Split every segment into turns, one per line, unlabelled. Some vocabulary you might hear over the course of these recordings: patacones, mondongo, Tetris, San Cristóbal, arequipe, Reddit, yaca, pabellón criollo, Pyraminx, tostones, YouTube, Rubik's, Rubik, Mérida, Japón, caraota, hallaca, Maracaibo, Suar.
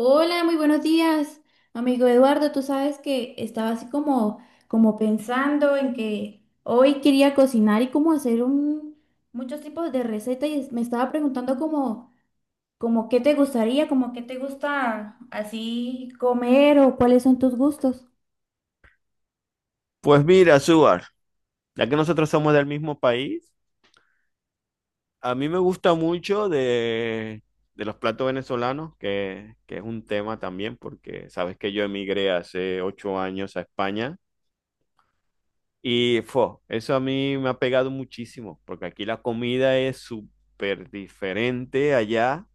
Hola, muy buenos días, amigo Eduardo. Tú sabes que estaba así como, como pensando en que hoy quería cocinar y como hacer un, muchos tipos de recetas y me estaba preguntando como, como qué te gustaría, como qué te gusta así comer o cuáles son tus gustos.
Pues mira, Suar, ya que nosotros somos del mismo país, a mí me gusta mucho de los platos venezolanos, que es un tema también, porque sabes que yo emigré hace 8 años a España y fo, eso a mí me ha pegado muchísimo, porque aquí la comida es súper diferente allá,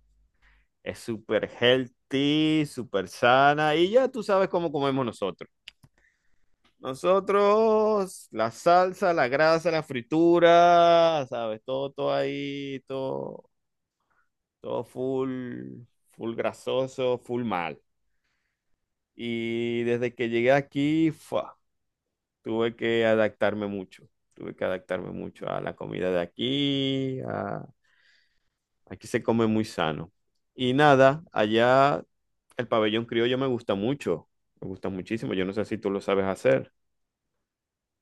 es súper healthy, súper sana y ya tú sabes cómo comemos nosotros. Nosotros, la salsa, la grasa, la fritura, ¿sabes? Todo ahí, todo full, full grasoso, full mal. Y desde que llegué aquí, fua, tuve que adaptarme mucho. Tuve que adaptarme mucho a la comida de aquí. Aquí se come muy sano. Y nada, allá el pabellón criollo me gusta mucho. Me gusta muchísimo. Yo no sé si tú lo sabes hacer.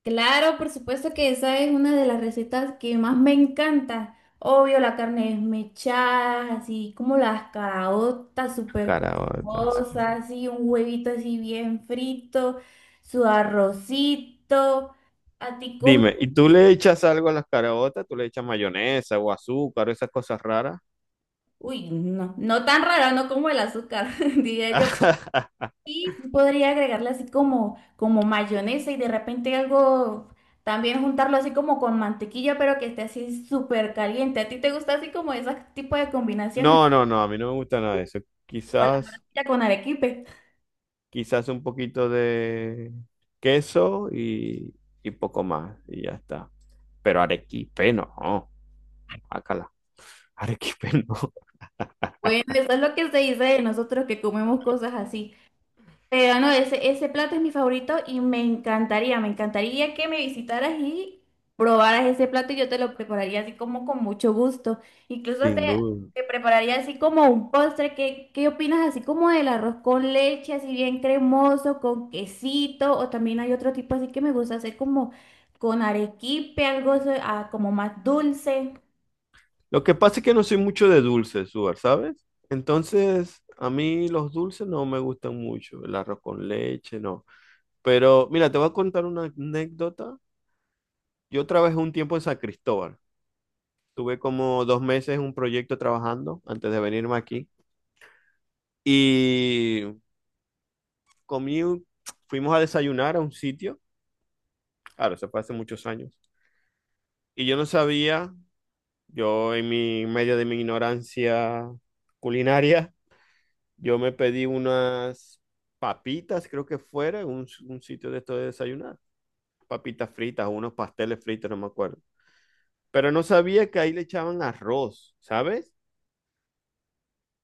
Claro, por supuesto que esa es una de las recetas que más me encanta. Obvio, la carne desmechada, así como las caraotas súper
Caraota.
cosas, así un huevito así bien frito, su arrocito, a ti como...
Dime, ¿y tú le echas algo a las caraotas? ¿Tú le echas mayonesa o azúcar o esas cosas raras?
Uy, no, no tan raro, no como el azúcar, diría yo. Y sí podría agregarle así como, como mayonesa y de repente algo, también juntarlo así como con mantequilla, pero que esté así súper caliente. ¿A ti te gusta así como ese tipo de combinaciones?
No, a mí no me gusta nada de eso.
O la
Quizás,
morcilla con arequipe.
quizás un poquito de queso y poco más, y ya está. Pero arequipe no, acala. Arequipe no,
Bueno, eso es lo que se dice de nosotros que comemos cosas así. Pero no, ese plato es mi favorito y me encantaría que me visitaras y probaras ese plato y yo te lo prepararía así como con mucho gusto. Incluso te,
sin duda.
te prepararía así como un postre. ¿Qué, qué opinas así como del arroz con leche, así bien cremoso, con quesito? O también hay otro tipo así que me gusta hacer como con arequipe, algo así, ah, como más dulce.
Lo que pasa es que no soy mucho de dulces, Suar, ¿sabes? Entonces, a mí los dulces no me gustan mucho. El arroz con leche, no. Pero mira, te voy a contar una anécdota. Yo trabajé un tiempo en San Cristóbal. Tuve como 2 meses en un proyecto trabajando antes de venirme aquí. Y comí, un- fuimos a desayunar a un sitio. Claro, eso fue hace muchos años. Y yo no sabía, yo en medio de mi ignorancia culinaria, yo me pedí unas papitas, creo que fuera, en un sitio de esto de desayunar. Papitas fritas, unos pasteles fritos, no me acuerdo, pero no sabía que ahí le echaban arroz, ¿sabes?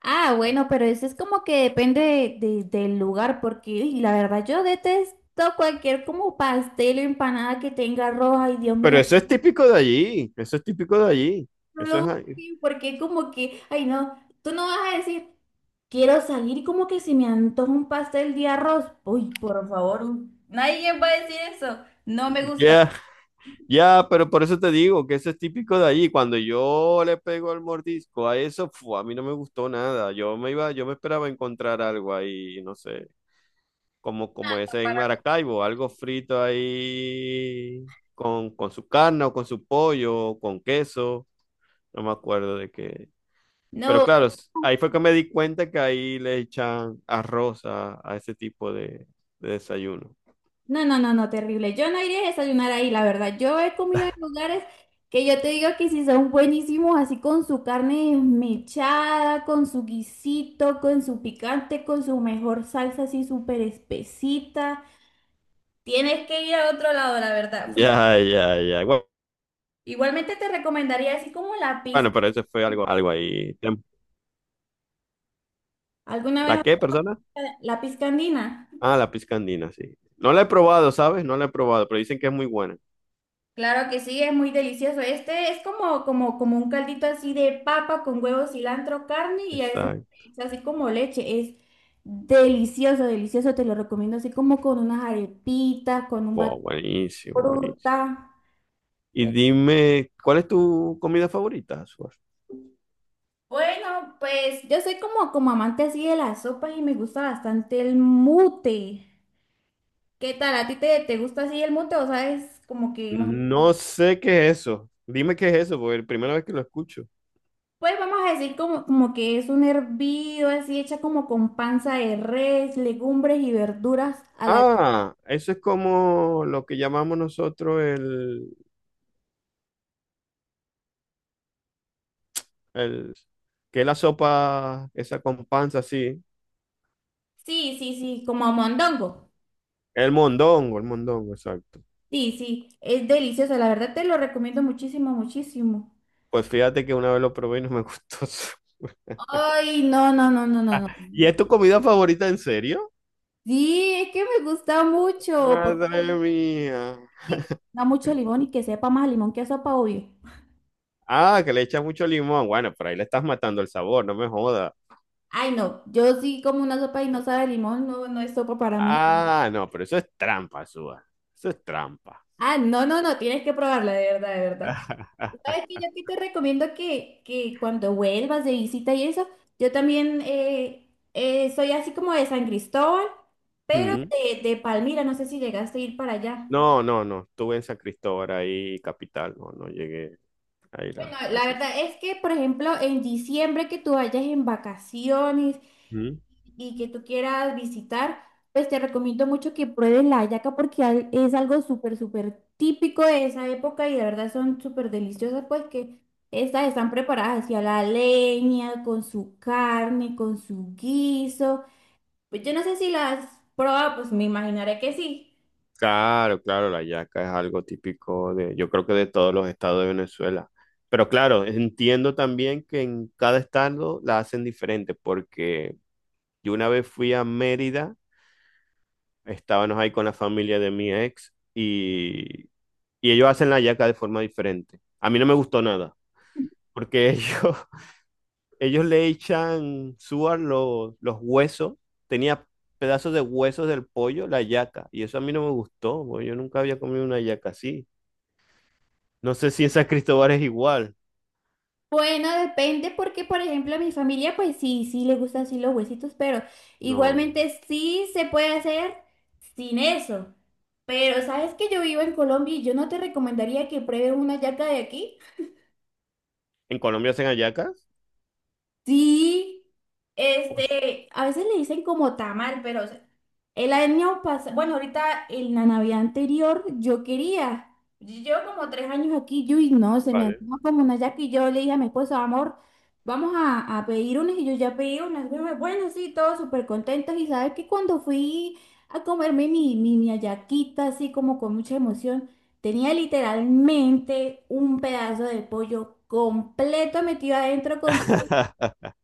Ah, bueno, pero eso es como que depende del lugar, porque uy, la verdad yo detesto cualquier como pastel o empanada que tenga arroz, ay Dios
Pero
mío,
eso es típico de allí, eso es típico de allí,
no lo
eso es... ahí.
odio, porque como que, ay no, tú no vas a decir, quiero salir y como que se me antoja un pastel de arroz, uy, por favor, nadie va a decir eso, no me gusta.
Ya, ya, pero por eso te digo que eso es típico de allí. Cuando yo le pego el mordisco a eso, fu, a mí no me gustó nada. Yo me iba, yo me esperaba encontrar algo ahí, no sé, como ese en
No,
Maracaibo, algo frito ahí con su carne o con su pollo, o con queso. No me acuerdo de qué. Pero
para-
claro, ahí fue que me di cuenta que ahí le echan arroz a ese tipo de desayuno.
no, no, no, no, terrible. Yo no iría a desayunar ahí, la verdad. Yo he comido en lugares que yo te digo que sí son buenísimos, así con su carne desmechada, con su guisito, con su picante, con su mejor salsa así súper espesita. Tienes que ir a otro lado, la verdad.
Ya.
Igualmente te recomendaría así como la
Bueno,
pizca.
pero eso fue algo, algo ahí.
¿Alguna vez
¿La qué, persona?
la pizca andina?
Ah, la pizca andina, sí. No la he probado, ¿sabes? No la he probado, pero dicen que es muy buena.
Claro que sí, es muy delicioso. Este es como, como, como un caldito así de papa con huevo, cilantro, carne y a veces
Exacto.
le echa así como leche. Es delicioso, delicioso. Te lo recomiendo así como con unas arepitas, con un
Wow,
batido de
buenísimo, buenísimo.
fruta.
Y
Eh,
dime, ¿cuál es tu comida favorita, Suar?
Bueno, pues yo soy como, como amante así de las sopas y me gusta bastante el mute. ¿Qué tal? ¿A ti te gusta así el mute o sabes como que más?
No sé qué es eso. Dime qué es eso, porque es la primera vez que lo escucho.
Pues vamos a decir como, como que es un hervido así hecha como con panza de res, legumbres y verduras a la...
Ah, eso es como lo que llamamos nosotros el, que es la sopa esa con panza así.
Sí, sí, sí, como mondongo.
El mondongo, exacto.
Sí, sí, es delicioso, la verdad te lo recomiendo muchísimo, muchísimo.
Pues fíjate que una vez lo probé y no me gustó.
Ay, no, no, no, no, no, no.
¿Y es tu comida favorita en serio?
Sí, es que me gusta mucho, porque
Madre
me
mía.
da mucho limón y que sepa más a limón que a sopa, obvio.
Ah, que le echa mucho limón. Bueno, pero ahí le estás matando el sabor, no me jodas.
Ay, no, yo sí como una sopa y no sabe a limón, no, no es sopa para mí.
Ah, no, pero eso es trampa, Suba. Eso es trampa.
Ah, no, no, no, tienes que probarla, de verdad, de verdad. ¿Sabes qué? Yo aquí te recomiendo que cuando vuelvas de visita y eso, yo también soy así como de San Cristóbal, pero
Mm.
de Palmira, no sé si llegaste a ir para allá.
No. Estuve en San Cristóbal ahí, capital. No, no llegué a ir
Bueno,
a
la
eso.
verdad es que, por ejemplo, en diciembre que tú vayas en vacaciones
Mm.
y que tú quieras visitar, pues te recomiendo mucho que pruebes la hallaca porque es algo súper, súper típico de esa época y de verdad son súper deliciosas, pues que estas están preparadas hacia la leña, con su carne, con su guiso. Pues yo no sé si las pruebas, pues me imaginaré que sí.
Claro, claro, la yaca es algo típico de, yo creo que de todos los estados de Venezuela. Pero claro, entiendo también que en cada estado la hacen diferente, porque yo una vez fui a Mérida, estábamos ahí con la familia de mi ex y ellos hacen la yaca de forma diferente. A mí no me gustó nada, porque ellos, ellos le echan suar los huesos, tenía pedazos de huesos del pollo, la yaca, y eso a mí no me gustó, porque yo nunca había comido una yaca así. No sé si en San Cristóbal es igual.
Bueno, depende porque, por ejemplo, a mi familia, pues sí, sí le gustan así los huesitos, pero
No.
igualmente sí se puede hacer sin eso. Pero sabes que yo vivo en Colombia y yo no te recomendaría que pruebes una yaca de aquí.
¿En Colombia hacen hallacas?
Sí.
Pues,
Este, a veces le dicen como tamal, pero o sea, el año pasado, bueno, ahorita en la Navidad anterior yo quería, yo llevo como tres años aquí, yo y no, se me
vale.
antoja como una yaca y yo le dije a mi esposo, amor, a pedir unas y yo ya pedí unas, bueno, bueno, sí, todos súper contentos y sabes que cuando fui a comerme mi hallaquita así como con mucha emoción, tenía literalmente un pedazo de pollo completo metido adentro con...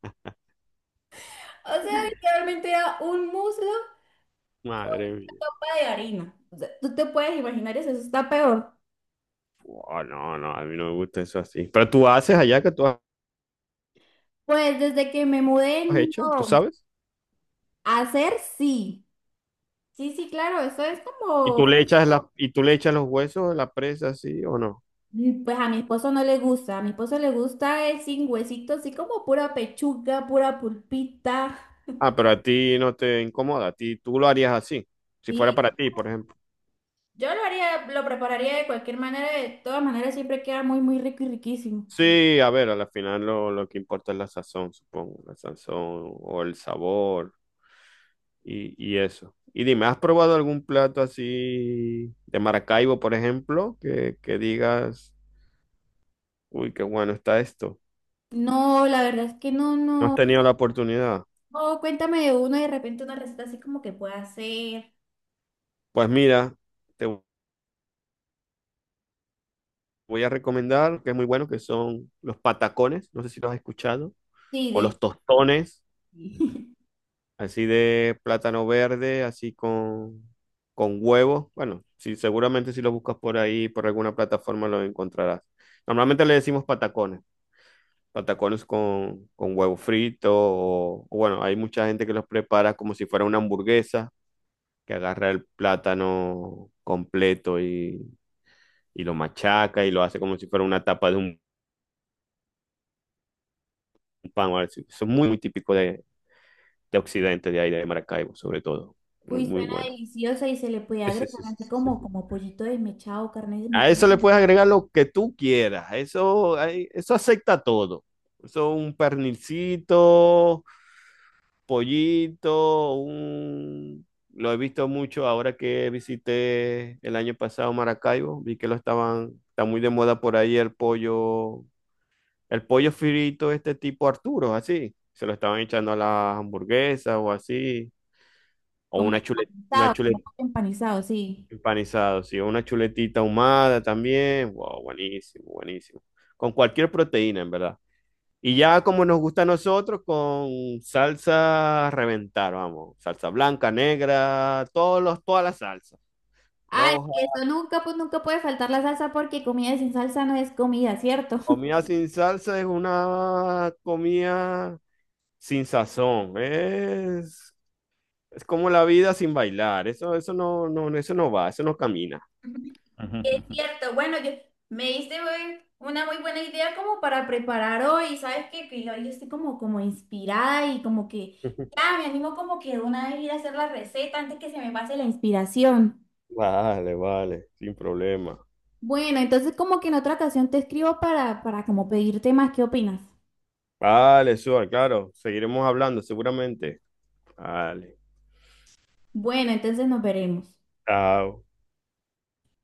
O sea, literalmente era un muslo con
Madre
una
mía.
copa de harina. O sea, tú te puedes imaginar eso, eso está peor.
Buah, no, no, a mí no me gusta eso así. Pero tú haces hallaca, tú has
Pues desde que me mudé,
hecho, tú
no.
sabes.
Hacer sí. Sí, sí, claro, eso es
Y tú
como,
le echas y tú le echas los huesos a la presa así o no.
mm, pues a mi esposo no le gusta. A mi esposo le gusta es sin huesito, así como pura pechuga, pura pulpita.
Ah, pero a ti no te incomoda, a ti tú lo harías así, si fuera
Sí.
para ti, por ejemplo.
Yo lo haría, lo prepararía de cualquier manera, de todas maneras siempre queda muy, muy rico y riquísimo.
Sí, a ver, al final lo que importa es la sazón, supongo, la sazón o el sabor, y eso. Y dime, ¿has probado algún plato así de Maracaibo, por ejemplo, que digas, uy, qué bueno está esto?
No, la verdad es que no,
¿No has
no.
tenido la oportunidad?
O cuéntame de uno y de repente una receta así como que pueda hacer.
Pues mira, te voy a recomendar, que es muy bueno, que son los patacones, no sé si los has escuchado,
Sí,
o
del...
los tostones, así de plátano verde, así con huevo. Bueno, sí, seguramente si lo buscas por ahí, por alguna plataforma, lo encontrarás. Normalmente le decimos patacones. Patacones con huevo frito, o bueno, hay mucha gente que los prepara como si fuera una hamburguesa, que agarra el plátano completo y lo machaca y lo hace como si fuera una tapa de un pan, o algo así. Eso es muy, muy típico de Occidente, de ahí, de Maracaibo, sobre todo. Muy,
Uy,
muy
suena
bueno.
deliciosa y se le puede
Sí, sí,
agregar
sí, sí,
así
sí, sí.
como, como pollito desmechado, carne
A
desmechada,
eso le puedes agregar lo que tú quieras. Eso, eso acepta todo. Eso un pernilcito, pollito, un... Lo he visto mucho ahora que visité el año pasado Maracaibo, vi que lo estaban, está muy de moda por ahí el pollo frito este tipo Arturo, así, se lo estaban echando a las hamburguesas o así, o
como
una
empanizado, como
chuleta
pollo empanizado, sí.
empanizada, sí, o una chuletita ahumada también, wow, buenísimo, buenísimo, con cualquier proteína, en verdad. Y ya como nos gusta a nosotros, con salsa a reventar, vamos. Salsa blanca, negra, todas las salsas.
Ay,
Roja.
que eso nunca, pues nunca puede faltar la salsa porque comida sin salsa no es comida, ¿cierto?
Comida sin salsa es una comida sin sazón. Es como la vida sin bailar. Eso no, no, eso no va, eso no camina.
Es cierto, bueno, yo, me diste una muy buena idea como para preparar hoy, ¿sabes qué? Que hoy estoy como, como inspirada y como que ya me animo como que de una vez ir a hacer la receta antes que se me pase la inspiración.
Vale, vale, sin problema.
Bueno, entonces como que en otra ocasión te escribo para como pedirte más, ¿qué opinas?
Vale, Suar, claro. Seguiremos hablando seguramente. Vale.
Bueno, entonces nos veremos.
Chao.